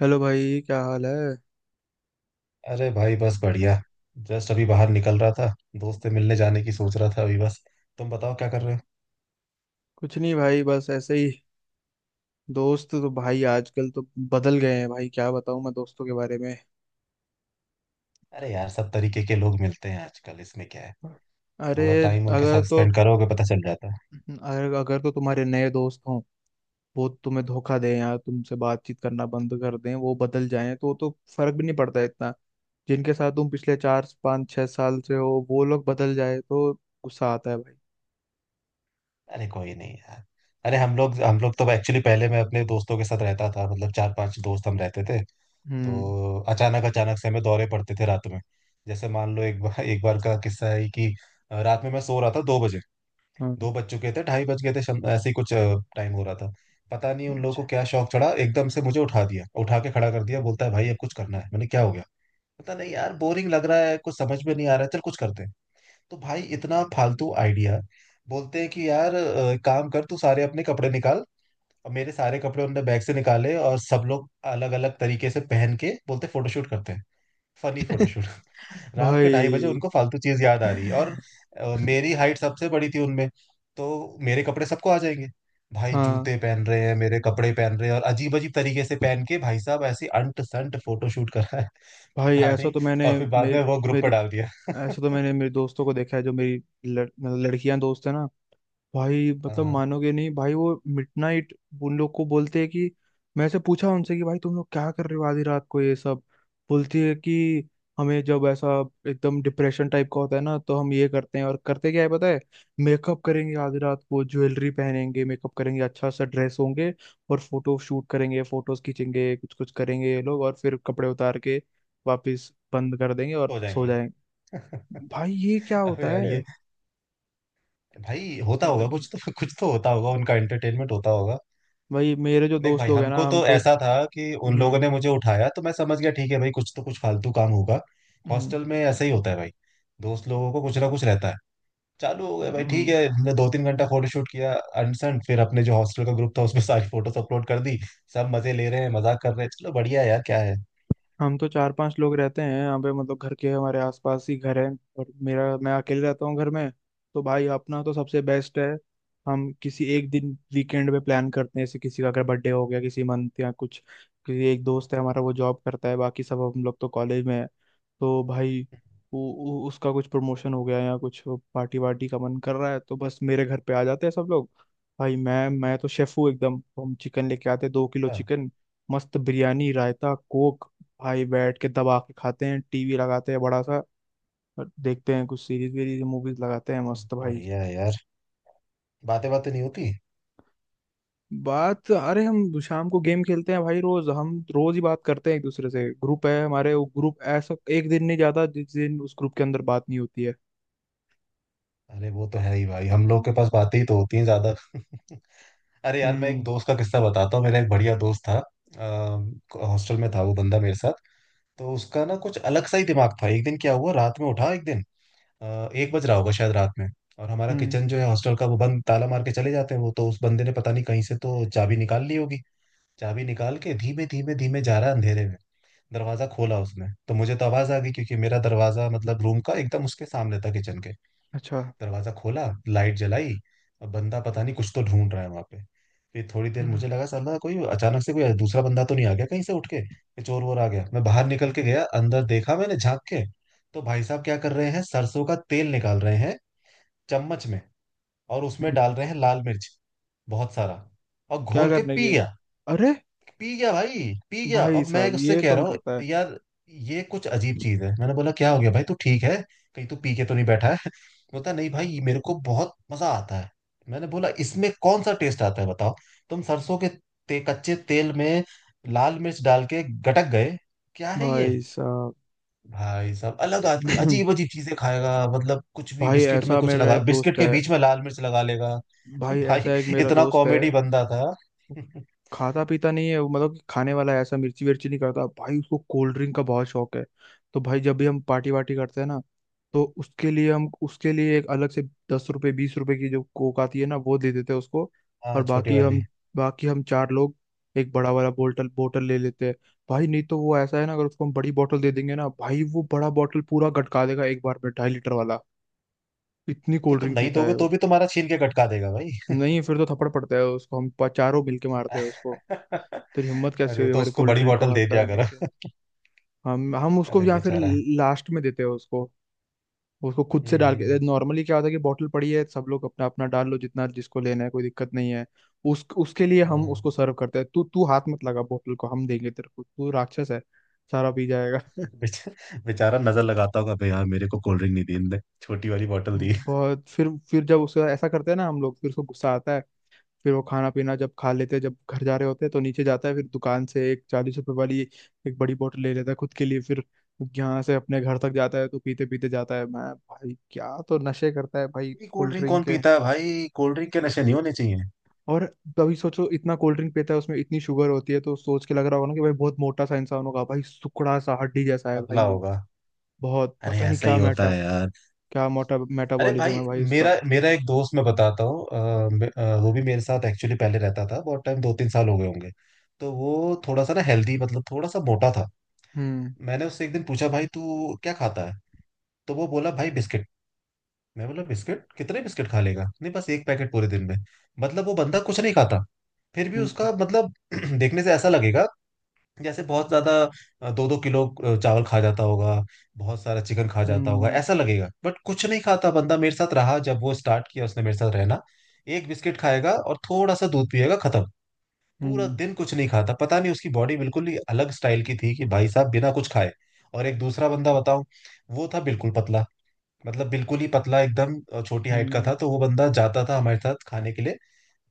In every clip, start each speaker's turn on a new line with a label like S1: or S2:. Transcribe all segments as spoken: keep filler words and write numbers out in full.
S1: Hello भाई, क्या हाल है।
S2: अरे भाई, बस बढ़िया। जस्ट अभी बाहर निकल रहा था। दोस्त से मिलने जाने की सोच रहा था अभी बस। तुम बताओ क्या कर रहे हो?
S1: कुछ नहीं भाई, बस ऐसे ही। दोस्त तो भाई आजकल तो बदल गए हैं भाई, क्या बताऊं मैं दोस्तों के बारे में।
S2: अरे यार, सब तरीके के लोग मिलते हैं आजकल, इसमें क्या है।
S1: अरे,
S2: थोड़ा टाइम उनके
S1: अगर
S2: साथ
S1: तो
S2: स्पेंड करोगे पता चल जाता है।
S1: अगर अगर तो तुम्हारे नए दोस्त हों, वो तुम्हें धोखा दें या तुमसे बातचीत करना बंद कर दें, वो बदल जाएं तो तो फर्क भी नहीं पड़ता इतना। जिनके साथ तुम पिछले चार पाँच छह साल से हो, वो लोग बदल जाए तो गुस्सा आता है भाई।
S2: अरे कोई नहीं यार। अरे हम लोग हम लोग तो एक्चुअली पहले मैं अपने दोस्तों के साथ रहता था, मतलब चार पांच दोस्त हम रहते थे।
S1: हम्म।
S2: तो अचानक अचानक से हमें दौरे पड़ते थे रात में। जैसे मान लो, एक बार एक बार का किस्सा है कि अ, रात में मैं सो रहा था, दो बजे।
S1: हाँ।
S2: दो बज चुके थे, ढाई बज गए थे, शम- ऐसे ही कुछ टाइम हो रहा था। पता नहीं उन लोगों को
S1: अच्छा।
S2: क्या शौक चढ़ा, एकदम से मुझे उठा दिया, उठा के खड़ा कर दिया। बोलता है, भाई अब कुछ करना है। मैंने, क्या हो गया? पता नहीं यार, बोरिंग लग रहा है, कुछ समझ में नहीं आ रहा है, चल कुछ करते हैं। तो भाई, इतना फालतू आइडिया। बोलते हैं कि यार अ, एक काम कर, तू सारे अपने कपड़े निकाल। और मेरे सारे कपड़े उनने बैग से निकाले और सब लोग अलग अलग तरीके से पहन के बोलते फोटोशूट करते हैं। Funny photoshoot. रात के ढाई बजे
S1: भाई।
S2: उनको फालतू चीज याद आ रही है। और अ, मेरी हाइट सबसे बड़ी थी उनमें, तो मेरे कपड़े सबको आ जाएंगे। भाई
S1: हाँ
S2: जूते पहन रहे हैं, मेरे कपड़े पहन रहे हैं और अजीब अजीब तरीके से पहन के भाई साहब ऐसे अंट संट फोटोशूट करा है।
S1: भाई,
S2: पता
S1: ऐसा
S2: नहीं।
S1: तो मैंने
S2: और फिर बाद में
S1: मेरी
S2: वो ग्रुप पर
S1: मेरी
S2: डाल दिया।
S1: ऐसा तो मैंने मेरे दोस्तों को देखा है, जो मेरी लड़, मतलब लड़कियां दोस्त है ना। भाई मतलब
S2: हाँ,
S1: मानोगे नहीं भाई, वो मिडनाइट उन लोग को बोलते हैं कि मैं से पूछा उनसे कि भाई तुम लोग क्या कर रहे हो आधी रात को ये सब। बोलती है कि हमें जब ऐसा एकदम डिप्रेशन टाइप का होता है ना, तो हम ये करते हैं। और करते क्या है पता है? मेकअप करेंगे, आधी रात को ज्वेलरी पहनेंगे, मेकअप करेंगे, अच्छा सा ड्रेस होंगे और फोटो शूट करेंगे, फोटोज खींचेंगे, कुछ कुछ करेंगे ये लोग। और फिर कपड़े उतार के वापस बंद कर देंगे और
S2: हो
S1: सो
S2: जाएंगे।
S1: जाएंगे। भाई ये क्या
S2: अबे
S1: होता
S2: यार
S1: है?
S2: ये, भाई होता होगा,
S1: मतलब कि
S2: कुछ तो कुछ तो होता होगा, उनका एंटरटेनमेंट होता होगा।
S1: भाई मेरे जो
S2: देख
S1: दोस्त
S2: भाई,
S1: लोग हैं
S2: हमको
S1: ना, हम
S2: तो
S1: तो।
S2: ऐसा था कि उन लोगों
S1: हम्म।
S2: ने मुझे उठाया तो मैं समझ गया, ठीक है भाई, कुछ तो कुछ फालतू काम होगा।
S1: हम्म।
S2: हॉस्टल में ऐसा ही होता है भाई, दोस्त लोगों को कुछ ना कुछ रहता है। चालू हो गया भाई, ठीक
S1: हम्म।
S2: है, हमने दो तीन घंटा फोटोशूट किया। अनसन फिर अपने जो हॉस्टल का ग्रुप था उसमें सारी फोटोज अपलोड कर दी। सब मजे ले रहे हैं, मजाक कर रहे हैं। चलो बढ़िया है यार, क्या है।
S1: हम तो चार पांच लोग रहते हैं यहाँ पे, मतलब घर के हमारे आसपास ही घर है। और मेरा, मैं अकेले रहता हूँ घर में। तो भाई अपना तो सबसे बेस्ट है। हम किसी एक दिन वीकेंड पे प्लान करते हैं, जैसे किसी का अगर बर्थडे हो गया किसी मंथ या कुछ। किसी एक दोस्त है हमारा, वो जॉब करता है, बाकी सब हम लोग तो कॉलेज में है। तो भाई, वो वो- उसका कुछ प्रमोशन हो गया या कुछ पार्टी वार्टी का मन कर रहा है, तो बस मेरे घर पे आ जाते हैं सब लोग। भाई मैं मैं तो शेफ हूँ एकदम। तो हम चिकन लेके आते हैं, दो किलो
S2: हाँ,
S1: चिकन मस्त बिरयानी, रायता, कोक। भाई बैठ के दबा के खाते हैं, टीवी लगाते हैं बड़ा सा, और देखते हैं कुछ सीरीज वीरीज, मूवीज लगाते हैं। मस्त भाई।
S2: बढ़िया है यार। बातें, बातें नहीं होती।
S1: बात अरे, हम शाम को गेम खेलते हैं भाई रोज। हम रोज ही बात करते हैं एक दूसरे से। ग्रुप है हमारे, वो ग्रुप ऐसा, एक दिन नहीं जाता जिस दिन उस ग्रुप के अंदर बात नहीं होती है।
S2: अरे वो तो है ही भाई, हम लोग के पास बातें ही तो होती हैं ज्यादा। अरे यार, मैं एक
S1: हम्म।
S2: दोस्त का किस्सा बताता हूँ। मेरा एक बढ़िया दोस्त था, अ, हॉस्टल में था वो बंदा मेरे साथ। तो उसका ना कुछ अलग सा ही दिमाग था। एक दिन क्या हुआ, रात में उठा एक दिन, अ, एक बज रहा होगा शायद रात में। और हमारा
S1: हम्म।
S2: किचन जो है हॉस्टल का, वो बंद, ताला मार के चले जाते हैं वो, तो उस बंदे ने पता नहीं कहीं से तो चाबी निकाल ली होगी। चाबी निकाल के धीमे धीमे धीमे जा रहा है अंधेरे में। दरवाजा खोला उसने, तो मुझे तो आवाज आ गई क्योंकि मेरा दरवाजा मतलब रूम का एकदम उसके सामने था, किचन के।
S1: अच्छा।
S2: दरवाजा खोला, लाइट जलाई। अब बंदा पता नहीं कुछ तो ढूंढ रहा है वहां पे। फिर थोड़ी देर
S1: हम्म।
S2: मुझे लगा, साला कोई अचानक से कोई दूसरा बंदा तो नहीं आ गया कहीं से उठ के, कि चोर वोर आ गया। मैं बाहर निकल के गया, अंदर देखा मैंने झांक के। तो भाई साहब क्या कर रहे हैं, सरसों का तेल निकाल रहे हैं चम्मच में, और उसमें डाल
S1: हम्म।
S2: रहे हैं लाल मिर्च, बहुत सारा। और
S1: क्या
S2: घोल के
S1: करने
S2: पी
S1: के लिए?
S2: गया।
S1: अरे,
S2: पी गया भाई, पी गया।
S1: भाई
S2: अब मैं
S1: साहब
S2: उससे
S1: ये
S2: कह
S1: कौन
S2: रहा हूँ,
S1: करता है।
S2: यार ये कुछ अजीब चीज है। मैंने बोला, क्या हो गया भाई, तू ठीक है? कहीं तू पी के तो नहीं बैठा है? बोलता, नहीं भाई, मेरे को बहुत मजा आता है। मैंने बोला, इसमें कौन सा टेस्ट आता है बताओ? तुम सरसों के ते, कच्चे तेल में लाल मिर्च डाल के गटक गए, क्या है ये?
S1: भाई साहब।
S2: भाई साहब, अलग आदमी अजीब अजीब चीजें खाएगा। मतलब कुछ भी,
S1: भाई
S2: बिस्किट में
S1: ऐसा
S2: कुछ
S1: मेरा
S2: लगा,
S1: एक दोस्त
S2: बिस्किट के
S1: है।
S2: बीच में लाल मिर्च लगा लेगा।
S1: भाई
S2: भाई,
S1: ऐसा एक मेरा
S2: इतना
S1: दोस्त है।
S2: कॉमेडी बंदा था।
S1: खाता पीता नहीं है वो, मतलब कि खाने वाला है ऐसा, मिर्ची विर्ची नहीं करता भाई। उसको कोल्ड ड्रिंक का बहुत शौक है। तो भाई जब भी हम पार्टी वार्टी करते हैं ना, तो उसके लिए हम, उसके लिए एक अलग से दस रुपए बीस रुपए की जो कोक आती है ना, वो दे देते हैं उसको। और
S2: हाँ, छोटी
S1: बाकी हम,
S2: वाली।
S1: बाकी हम चार लोग एक बड़ा वाला बोतल बोतल ले लेते हैं। भाई नहीं तो वो ऐसा है ना, अगर उसको हम बड़ी बोतल दे देंगे ना भाई, वो बड़ा बोतल पूरा गटका देगा एक बार में, ढाई लीटर वाला। इतनी
S2: तो
S1: कोल्ड
S2: तुम
S1: ड्रिंक
S2: नहीं
S1: पीता
S2: दोगे
S1: है वो।
S2: तो भी तुम्हारा छीन के कटका देगा भाई।
S1: नहीं, फिर तो थप्पड़ पड़ता है उसको, हम प- चारों मिलके मारते हैं उसको। तेरी हिम्मत कैसे
S2: अरे,
S1: हुई
S2: तो
S1: हमारी
S2: उसको
S1: कोल्ड
S2: बड़ी
S1: ड्रिंक को
S2: बोतल दे
S1: हाथ
S2: दिया
S1: लगाने के।
S2: करो।
S1: हम हम उसको
S2: अरे
S1: या फिर
S2: बेचारा।
S1: लास्ट में देते हैं उसको। उसको खुद से
S2: हम्म,
S1: डाल के
S2: हम्म,
S1: नॉर्मली क्या होता है कि बॉटल पड़ी है, सब लोग अपना अपना डाल लो, जितना जिसको लेना है कोई दिक्कत नहीं है। उस उसके लिए हम
S2: हाँ।
S1: उसको सर्व करते हैं। तू तू हाथ मत लगा बॉटल को, हम देंगे तेरे को, तू राक्षस है, सारा पी जाएगा।
S2: बेच- बेचारा नजर लगाता होगा भाई, यार मेरे को कोल्ड ड्रिंक नहीं दी इनने, छोटी वाली बोतल दी।
S1: बहुत फिर फिर जब उसका ऐसा करते हैं ना हम लोग, फिर उसको गुस्सा आता है। फिर वो खाना पीना जब खा लेते हैं, जब घर जा रहे होते हैं, तो नीचे जाता है, फिर दुकान से एक चालीस रुपए वाली एक बड़ी बोतल ले लेता है खुद के लिए। फिर यहाँ से अपने घर तक जाता है तो पीते पीते जाता है। मैं, भाई क्या तो नशे करता है भाई
S2: इतनी कोल्ड
S1: कोल्ड
S2: ड्रिंक
S1: ड्रिंक
S2: कौन
S1: के।
S2: पीता है भाई, कोल्ड ड्रिंक के नशे नहीं होने चाहिए।
S1: और तभी सोचो, इतना कोल्ड ड्रिंक पीता है उसमें इतनी शुगर होती है, तो सोच के लग रहा होगा ना कि भाई बहुत मोटा सा इंसान होगा। भाई सुकड़ा सा हड्डी जैसा है
S2: पतला
S1: भाई वो।
S2: होगा।
S1: बहुत,
S2: अरे
S1: पता नहीं
S2: ऐसा ही
S1: क्या
S2: होता
S1: मेटा
S2: है यार।
S1: क्या मोटा
S2: अरे
S1: मेटाबॉलिज्म
S2: भाई,
S1: है भाई
S2: मेरा
S1: उसका।
S2: मेरा एक दोस्त मैं बताता हूँ। अ, मे- अ, वो भी मेरे साथ एक्चुअली पहले रहता था, बहुत टाइम, दो तीन साल हो गए होंगे। तो वो थोड़ा सा ना हेल्दी, मतलब थोड़ा सा मोटा था।
S1: हम्म।
S2: मैंने उससे एक दिन पूछा, भाई तू क्या खाता है? तो वो बोला, भाई बिस्किट। मैं बोला, बिस्किट? कितने बिस्किट खा लेगा? नहीं, बस एक पैकेट पूरे दिन में। मतलब वो बंदा कुछ नहीं खाता, फिर भी
S1: हम्म।
S2: उसका मतलब देखने से ऐसा लगेगा, जैसे बहुत ज्यादा, दो दो किलो अ, चावल खा जाता होगा, बहुत सारा चिकन खा जाता होगा,
S1: हम्म।
S2: ऐसा लगेगा, बट कुछ नहीं खाता बंदा। मेरे साथ रहा जब, वो स्टार्ट किया उसने मेरे साथ रहना, एक बिस्किट खाएगा और थोड़ा सा दूध पिएगा, खत्म। पूरा
S1: हम्म।
S2: दिन कुछ नहीं खाता। पता नहीं, उसकी बॉडी बिल्कुल ही अलग स्टाइल की थी कि भाई साहब बिना कुछ खाए। और एक दूसरा बंदा बताऊं, वो था बिल्कुल पतला। मतलब बिल्कुल ही पतला एकदम, अ, छोटी हाइट का
S1: हम्म।
S2: था। तो वो बंदा जाता था हमारे साथ खाने के लिए,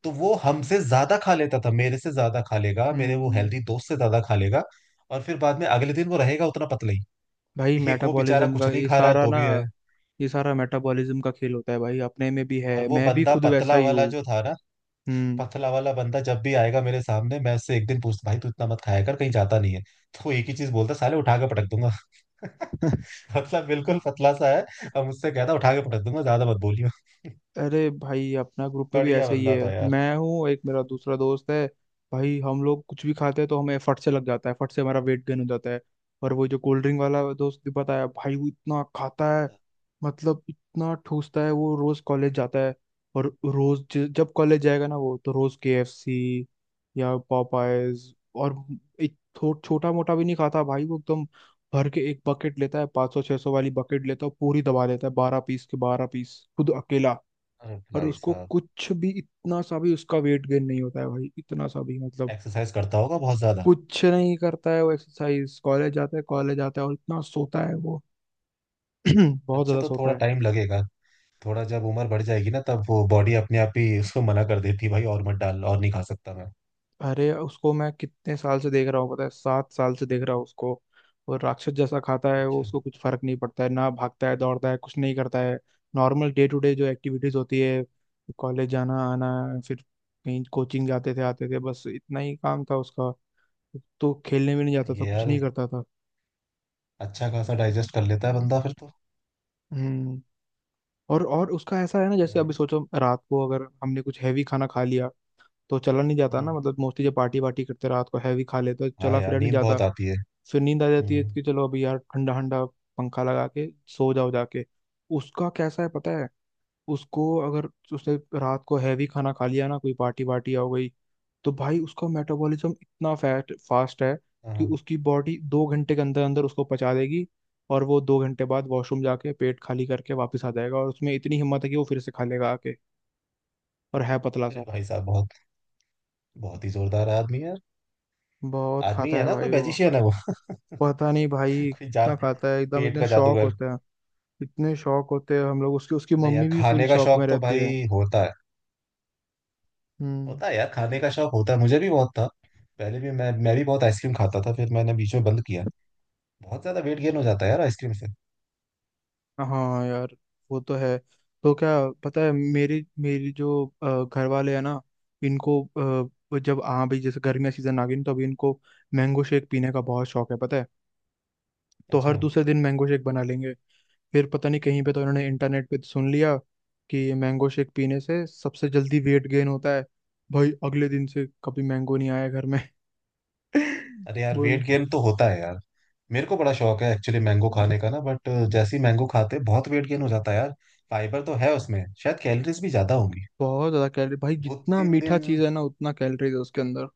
S2: तो वो हमसे ज्यादा खा लेता था, मेरे से ज्यादा खा लेगा, मेरे वो
S1: हम्म।
S2: हेल्दी दोस्त से ज्यादा खा लेगा। और फिर बाद में अगले दिन वो रहेगा उतना पतला ही।
S1: भाई
S2: एक वो बेचारा
S1: मेटाबॉलिज्म
S2: कुछ
S1: का
S2: नहीं
S1: ये
S2: खा रहा है
S1: सारा
S2: तो
S1: ना,
S2: भी है।
S1: ये सारा मेटाबॉलिज्म का खेल होता है भाई। अपने में भी है,
S2: और वो
S1: मैं भी
S2: बंदा
S1: खुद वैसा
S2: पतला
S1: ही
S2: वाला
S1: हूँ।
S2: जो था ना,
S1: हम्म।
S2: पतला वाला बंदा जब भी आएगा मेरे सामने, मैं उससे एक दिन पूछता, भाई तू इतना मत खाया कर, कहीं जाता नहीं है। तो वो एक ही चीज बोलता, साले उठा के पटक दूंगा। मतलब बिल्कुल पतला सा है, और मुझसे कहता उठा के पटक दूंगा, ज्यादा मत बोलियो।
S1: अरे भाई, अपना ग्रुप में भी
S2: बढ़िया
S1: ऐसा ही
S2: बंदा
S1: है।
S2: था यार।
S1: मैं हूँ एक, मेरा दूसरा दोस्त है। भाई हम लोग कुछ भी खाते हैं तो हमें फट से लग जाता है, फट से हमारा वेट गेन हो जाता है। और वो जो कोल्ड ड्रिंक वाला दोस्त भी बताया भाई, वो इतना खाता है, मतलब इतना ठूसता है। वो रोज कॉलेज जाता है, और रोज ज- जब कॉलेज जाएगा ना वो, तो रोज के एफ सी या पॉपाइज, और एक थो, छोटा मोटा भी नहीं खाता भाई वो एकदम। भर के एक बकेट लेता है, पाँच सौ छह सौ वाली बकेट लेता है, पूरी दबा लेता है, बारह पीस के बारह पीस खुद अकेला।
S2: अरे
S1: और
S2: भाई
S1: उसको
S2: साहब,
S1: कुछ भी, इतना सा भी उसका वेट गेन नहीं होता है भाई, इतना सा भी मतलब।
S2: एक्सरसाइज करता होगा बहुत ज्यादा।
S1: कुछ नहीं करता है वो एक्सरसाइज, कॉलेज जाता है कॉलेज आता है, और इतना सोता है वो। बहुत
S2: अच्छा,
S1: ज्यादा
S2: तो
S1: सोता
S2: थोड़ा
S1: है।
S2: टाइम लगेगा। थोड़ा जब उम्र बढ़ जाएगी ना, तब वो बॉडी अपने आप ही उसको मना कर देती है, भाई और मत डाल, और नहीं खा सकता मैं।
S1: अरे उसको मैं कितने साल से देख रहा हूँ पता है, सात साल से देख रहा हूँ उसको। वो राक्षस जैसा खाता है, वो,
S2: अच्छा।
S1: उसको कुछ फर्क नहीं पड़ता है ना। भागता है, दौड़ता है, कुछ नहीं करता है। नॉर्मल डे टू डे जो एक्टिविटीज होती है, कॉलेज जाना आना, फिर कहीं कोचिंग जाते थे आते थे, बस इतना ही काम था उसका। तो खेलने भी नहीं जाता था,
S2: ये
S1: कुछ
S2: यार,
S1: नहीं करता था।
S2: अच्छा खासा डाइजेस्ट कर लेता है बंदा फिर तो।
S1: हम्म। और और उसका ऐसा है ना, जैसे अभी
S2: बॉडी।
S1: सोचो रात को अगर हमने कुछ हैवी खाना खा लिया तो चला नहीं जाता ना।
S2: हम्म।
S1: मतलब मोस्टली जब पार्टी वार्टी करते रात को, हैवी खा लेते तो
S2: हाँ
S1: चला
S2: यार,
S1: फिरा नहीं
S2: नींद
S1: जाता।
S2: बहुत आती है।
S1: फिर नींद आ जाती है
S2: हम्म।
S1: कि चलो अभी यार ठंडा ठंडा, पंखा लगा के सो जाओ जाके। उसका कैसा है पता है, उसको अगर उसने रात को हैवी खाना खा लिया ना, कोई पार्टी वार्टी हो गई, तो भाई उसका मेटाबॉलिज्म इतना फैट फास्ट है कि
S2: हाँ।
S1: उसकी बॉडी दो घंटे के अंदर अंदर उसको पचा देगी। और वो दो घंटे बाद वॉशरूम जाके पेट खाली करके वापस आ जाएगा, और उसमें इतनी हिम्मत है कि वो फिर से खा लेगा आके। और है पतला
S2: अरे
S1: सा।
S2: भाई साहब, बहुत बहुत ही जोरदार आदमी है यार।
S1: बहुत
S2: आदमी
S1: खाता
S2: है
S1: है
S2: ना, कोई
S1: भाई वो,
S2: मैजिशियन है वो।
S1: पता नहीं भाई
S2: कोई जा
S1: कितना खाता है एकदम।
S2: पेट
S1: इतने
S2: का
S1: शौक
S2: जादूगर।
S1: होते हैं, इतने शौक होते हैं हम लोग। उसकी, उसकी
S2: नहीं यार,
S1: मम्मी भी फुल
S2: खाने का
S1: शौक में
S2: शौक तो
S1: रहती है।
S2: भाई होता है।
S1: हम्म।
S2: होता है यार, खाने का शौक होता है, मुझे भी बहुत था। पहले भी मैं मैं भी बहुत आइसक्रीम खाता था, फिर मैंने बीच में बंद किया। बहुत ज्यादा वेट गेन हो जाता है यार आइसक्रीम से।
S1: हाँ यार, वो तो है। तो क्या, पता है मेरी, मेरी जो अ, घर वाले हैं ना, इनको अ, वो जब आ भी, जैसे गर्मी का सीजन आ गई ना, तो अभी इनको मैंगो शेक पीने का बहुत शौक है पता है। तो
S2: अच्छा।
S1: हर दूसरे दिन मैंगो शेक बना लेंगे। फिर पता नहीं कहीं पे तो इन्होंने इंटरनेट पे सुन लिया कि मैंगो शेक पीने से सबसे जल्दी वेट गेन होता है। भाई अगले दिन से कभी मैंगो नहीं आया घर में।
S2: अरे यार,
S1: बोल।
S2: वेट गेन तो होता है यार। मेरे को बड़ा शौक है एक्चुअली मैंगो खाने का ना, बट जैसे ही मैंगो खाते बहुत वेट गेन हो जाता है यार। फाइबर तो है उसमें, शायद कैलोरीज भी ज्यादा होंगी।
S1: बहुत ज्यादा कैलोरी भाई,
S2: दो
S1: जितना
S2: तीन
S1: मीठा
S2: दिन।
S1: चीज है ना उतना कैलोरीज है उसके अंदर।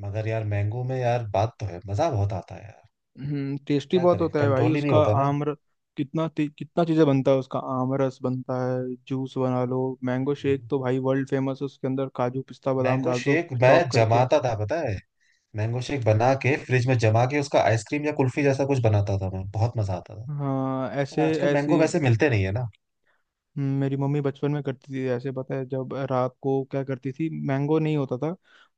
S2: मगर यार, मैंगो में यार बात तो है, मजा बहुत आता है यार।
S1: हम्म टेस्टी
S2: क्या
S1: बहुत
S2: करें,
S1: होता है भाई
S2: कंट्रोल ही नहीं
S1: उसका।
S2: होता ना।
S1: आम र- कितना ती- कितना चीजें बनता है उसका। आम रस बनता है, जूस बना लो, मैंगो शेक
S2: हम्म।
S1: तो भाई वर्ल्ड फेमस है, उसके अंदर काजू पिस्ता बादाम
S2: मैंगो
S1: डाल दो
S2: शेक मैं
S1: चॉप करके।
S2: जमाता था, पता है? मैंगो शेक बना के फ्रिज में जमा के उसका आइसक्रीम या कुल्फी जैसा कुछ बनाता था मैं, बहुत मजा आता था।
S1: हाँ,
S2: पर
S1: ऐसे
S2: आजकल मैंगो
S1: ऐसी।
S2: वैसे मिलते नहीं है ना।
S1: हम्म, मेरी मम्मी बचपन में करती थी ऐसे पता है। जब रात को क्या करती थी, मैंगो नहीं होता था,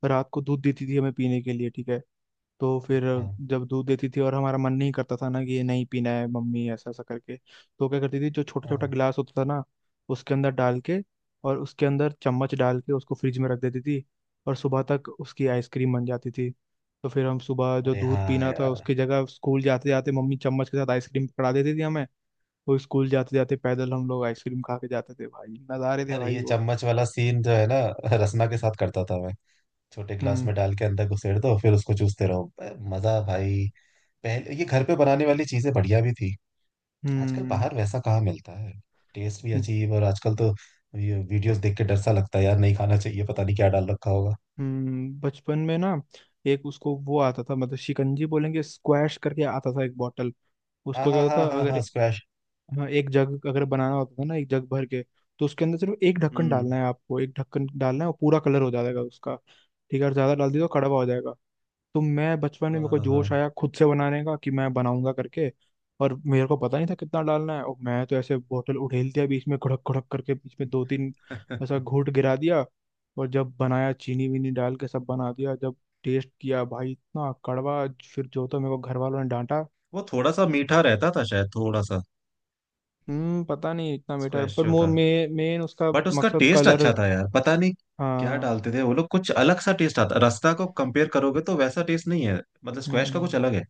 S1: रात को दूध देती थी हमें पीने के लिए, ठीक है। तो फिर
S2: हाँ,
S1: जब दूध देती थी और हमारा मन नहीं करता था ना कि ये नहीं पीना है मम्मी, ऐसा ऐसा करके, तो क्या करती थी जो छोटा
S2: हाँ।
S1: छोटा गिलास होता था ना, उसके अंदर डाल के, और उसके अंदर चम्मच डाल के उसको फ्रिज में रख देती थी। और सुबह तक उसकी आइसक्रीम बन जाती थी। तो फिर हम सुबह जो
S2: अरे
S1: दूध
S2: हाँ
S1: पीना था
S2: यार।
S1: उसकी जगह, स्कूल जाते जाते मम्मी चम्मच के साथ आइसक्रीम पकड़ा देती थी हमें। वो स्कूल जाते जाते पैदल हम लोग आइसक्रीम खा के जाते थे भाई। नज़ारे थे
S2: अरे,
S1: भाई
S2: ये
S1: वो।
S2: चम्मच वाला सीन जो है ना, रसना के साथ करता था मैं। छोटे गिलास
S1: हम्म।
S2: में डाल के अंदर घुसेड़ दो, फिर उसको चूसते रहो, अ, मजा भाई। पहले ये घर पे बनाने वाली चीजें बढ़िया भी थी। आजकल
S1: हम्म।
S2: बाहर वैसा कहाँ मिलता है। टेस्ट भी अजीब। और आजकल तो ये वीडियोस देख के डर सा लगता है यार, नहीं खाना चाहिए, पता नहीं क्या डाल रखा होगा।
S1: हम्म। बचपन में ना एक, उसको वो आता था, मतलब शिकंजी बोलेंगे, स्क्वैश करके आता था एक बॉटल।
S2: हाँ,
S1: उसको क्या
S2: हाँ,
S1: होता
S2: हाँ,
S1: था,
S2: हाँ, हाँ।
S1: अगर,
S2: स्क्वैश।
S1: हाँ, एक जग अगर बनाना होता था ना एक जग भर के, तो उसके अंदर सिर्फ एक ढक्कन
S2: हम्म।
S1: डालना है आपको, एक ढक्कन डालना है और पूरा कलर हो जाएगा उसका, ठीक है। और ज्यादा डाल दिया तो कड़वा हो जाएगा। तो मैं बचपन में, मेरे को
S2: हाँ,
S1: जोश आया खुद से बनाने का कि मैं बनाऊंगा करके। और मेरे को पता नहीं था कितना डालना है, और मैं तो ऐसे बोतल उठेल दिया बीच में घुड़क घुड़क करके, बीच में दो तीन ऐसा
S2: हाँ।
S1: घूंट गिरा दिया। और जब बनाया, चीनी वीनी डाल के सब बना दिया, जब टेस्ट किया भाई, इतना कड़वा। फिर जो तो मेरे को घर वालों ने डांटा।
S2: वो थोड़ा सा मीठा रहता था शायद, थोड़ा सा।
S1: हम्म, पता नहीं इतना मीठा,
S2: स्क्वैश
S1: पर
S2: जो
S1: मो
S2: था,
S1: मे, मेन उसका
S2: बट उसका
S1: मकसद
S2: टेस्ट
S1: कलर।
S2: अच्छा था यार, पता नहीं क्या
S1: हाँ।
S2: डालते थे वो लोग। कुछ अलग सा टेस्ट आता, रस्ता को कंपेयर करोगे तो वैसा टेस्ट नहीं है। मतलब स्क्वैश का कुछ अलग
S1: हम्म।
S2: है।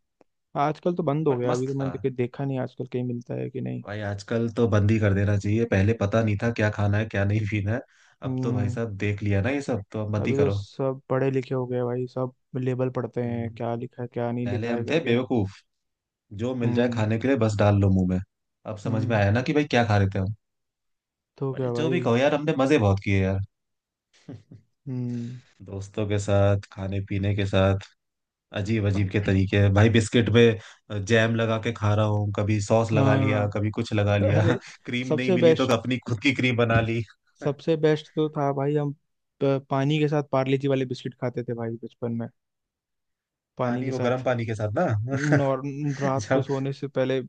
S1: आजकल तो बंद हो
S2: बट
S1: गया, अभी
S2: मस्त
S1: तो मैंने
S2: था।
S1: देखे- देखा नहीं आजकल कहीं मिलता है कि नहीं।
S2: भाई आजकल तो बंद ही कर देना चाहिए। पहले पता नहीं था क्या खाना है, क्या नहीं पीना है। अब तो भाई
S1: हम्म।
S2: साहब, देख लिया ना ये सब, तो अब मत ही
S1: अभी तो
S2: करो।
S1: सब पढ़े लिखे हो गए भाई, सब लेबल पढ़ते
S2: हम्म।
S1: हैं क्या लिखा है क्या नहीं
S2: पहले
S1: लिखा है
S2: हम थे
S1: करके।
S2: बेवकूफ, जो मिल जाए
S1: हम्म।
S2: खाने के लिए बस डाल लो मुंह में। अब समझ में
S1: हम्म।
S2: आया ना कि भाई क्या खा रहे थे हम।
S1: तो
S2: बट
S1: क्या
S2: जो भी
S1: भाई।
S2: कहो यार, हमने मजे बहुत किए यार,
S1: हम्म।
S2: दोस्तों के साथ, खाने पीने के साथ। अजीब अजीब के तरीके हैं भाई, बिस्किट में जैम लगा के खा रहा हूँ, कभी सॉस लगा लिया,
S1: हाँ।
S2: कभी कुछ लगा लिया।
S1: अरे,
S2: क्रीम नहीं
S1: सबसे
S2: मिली तो
S1: बेस्ट,
S2: अपनी खुद की क्रीम बना ली।
S1: सबसे बेस्ट तो था भाई, हम प- पानी के साथ पार्ले जी वाले बिस्किट खाते थे भाई बचपन में। पानी
S2: पानी,
S1: के
S2: वो गर्म
S1: साथ।
S2: पानी के साथ ना।
S1: नॉर रात को
S2: जब,
S1: सोने से पहले,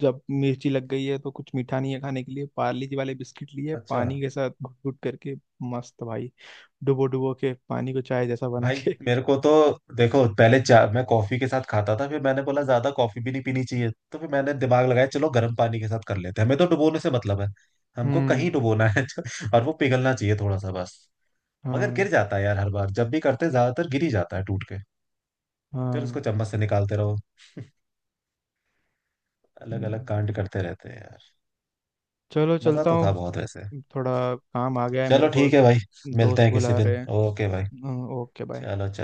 S1: जब मिर्ची लग गई है तो कुछ मीठा नहीं है खाने के लिए, पार्ले जी वाले बिस्किट लिए
S2: अच्छा।
S1: पानी के साथ, घुट घुट करके। मस्त भाई। डुबो डुबो के, पानी को चाय जैसा बना
S2: भाई
S1: के।
S2: मेरे को तो देखो, पहले चा, मैं कॉफी के साथ खाता था, फिर मैंने बोला ज्यादा कॉफी भी नहीं पीनी चाहिए। तो फिर मैंने दिमाग लगाया, चलो गर्म पानी के साथ कर लेते हैं, हमें तो डुबोने से मतलब है, हमको कहीं
S1: हम्म।
S2: डुबोना है। और वो पिघलना चाहिए थोड़ा सा बस। मगर गिर
S1: हाँ।
S2: जाता है यार, हर बार जब भी करते हैं, ज्यादातर गिर ही जाता है टूट के। फिर उसको
S1: हाँ।
S2: चम्मच से निकालते रहो। अलग अलग
S1: हम्म।
S2: कांड करते रहते हैं यार।
S1: चलो,
S2: मजा
S1: चलता
S2: तो था
S1: हूँ,
S2: बहुत वैसे।
S1: थोड़ा काम आ गया है मेरे
S2: चलो
S1: को,
S2: ठीक है भाई, मिलते
S1: दोस्त
S2: हैं किसी
S1: बुला रहे
S2: दिन, ओके भाई।
S1: हैं। ओके,
S2: चलो,
S1: बाय।
S2: चलो।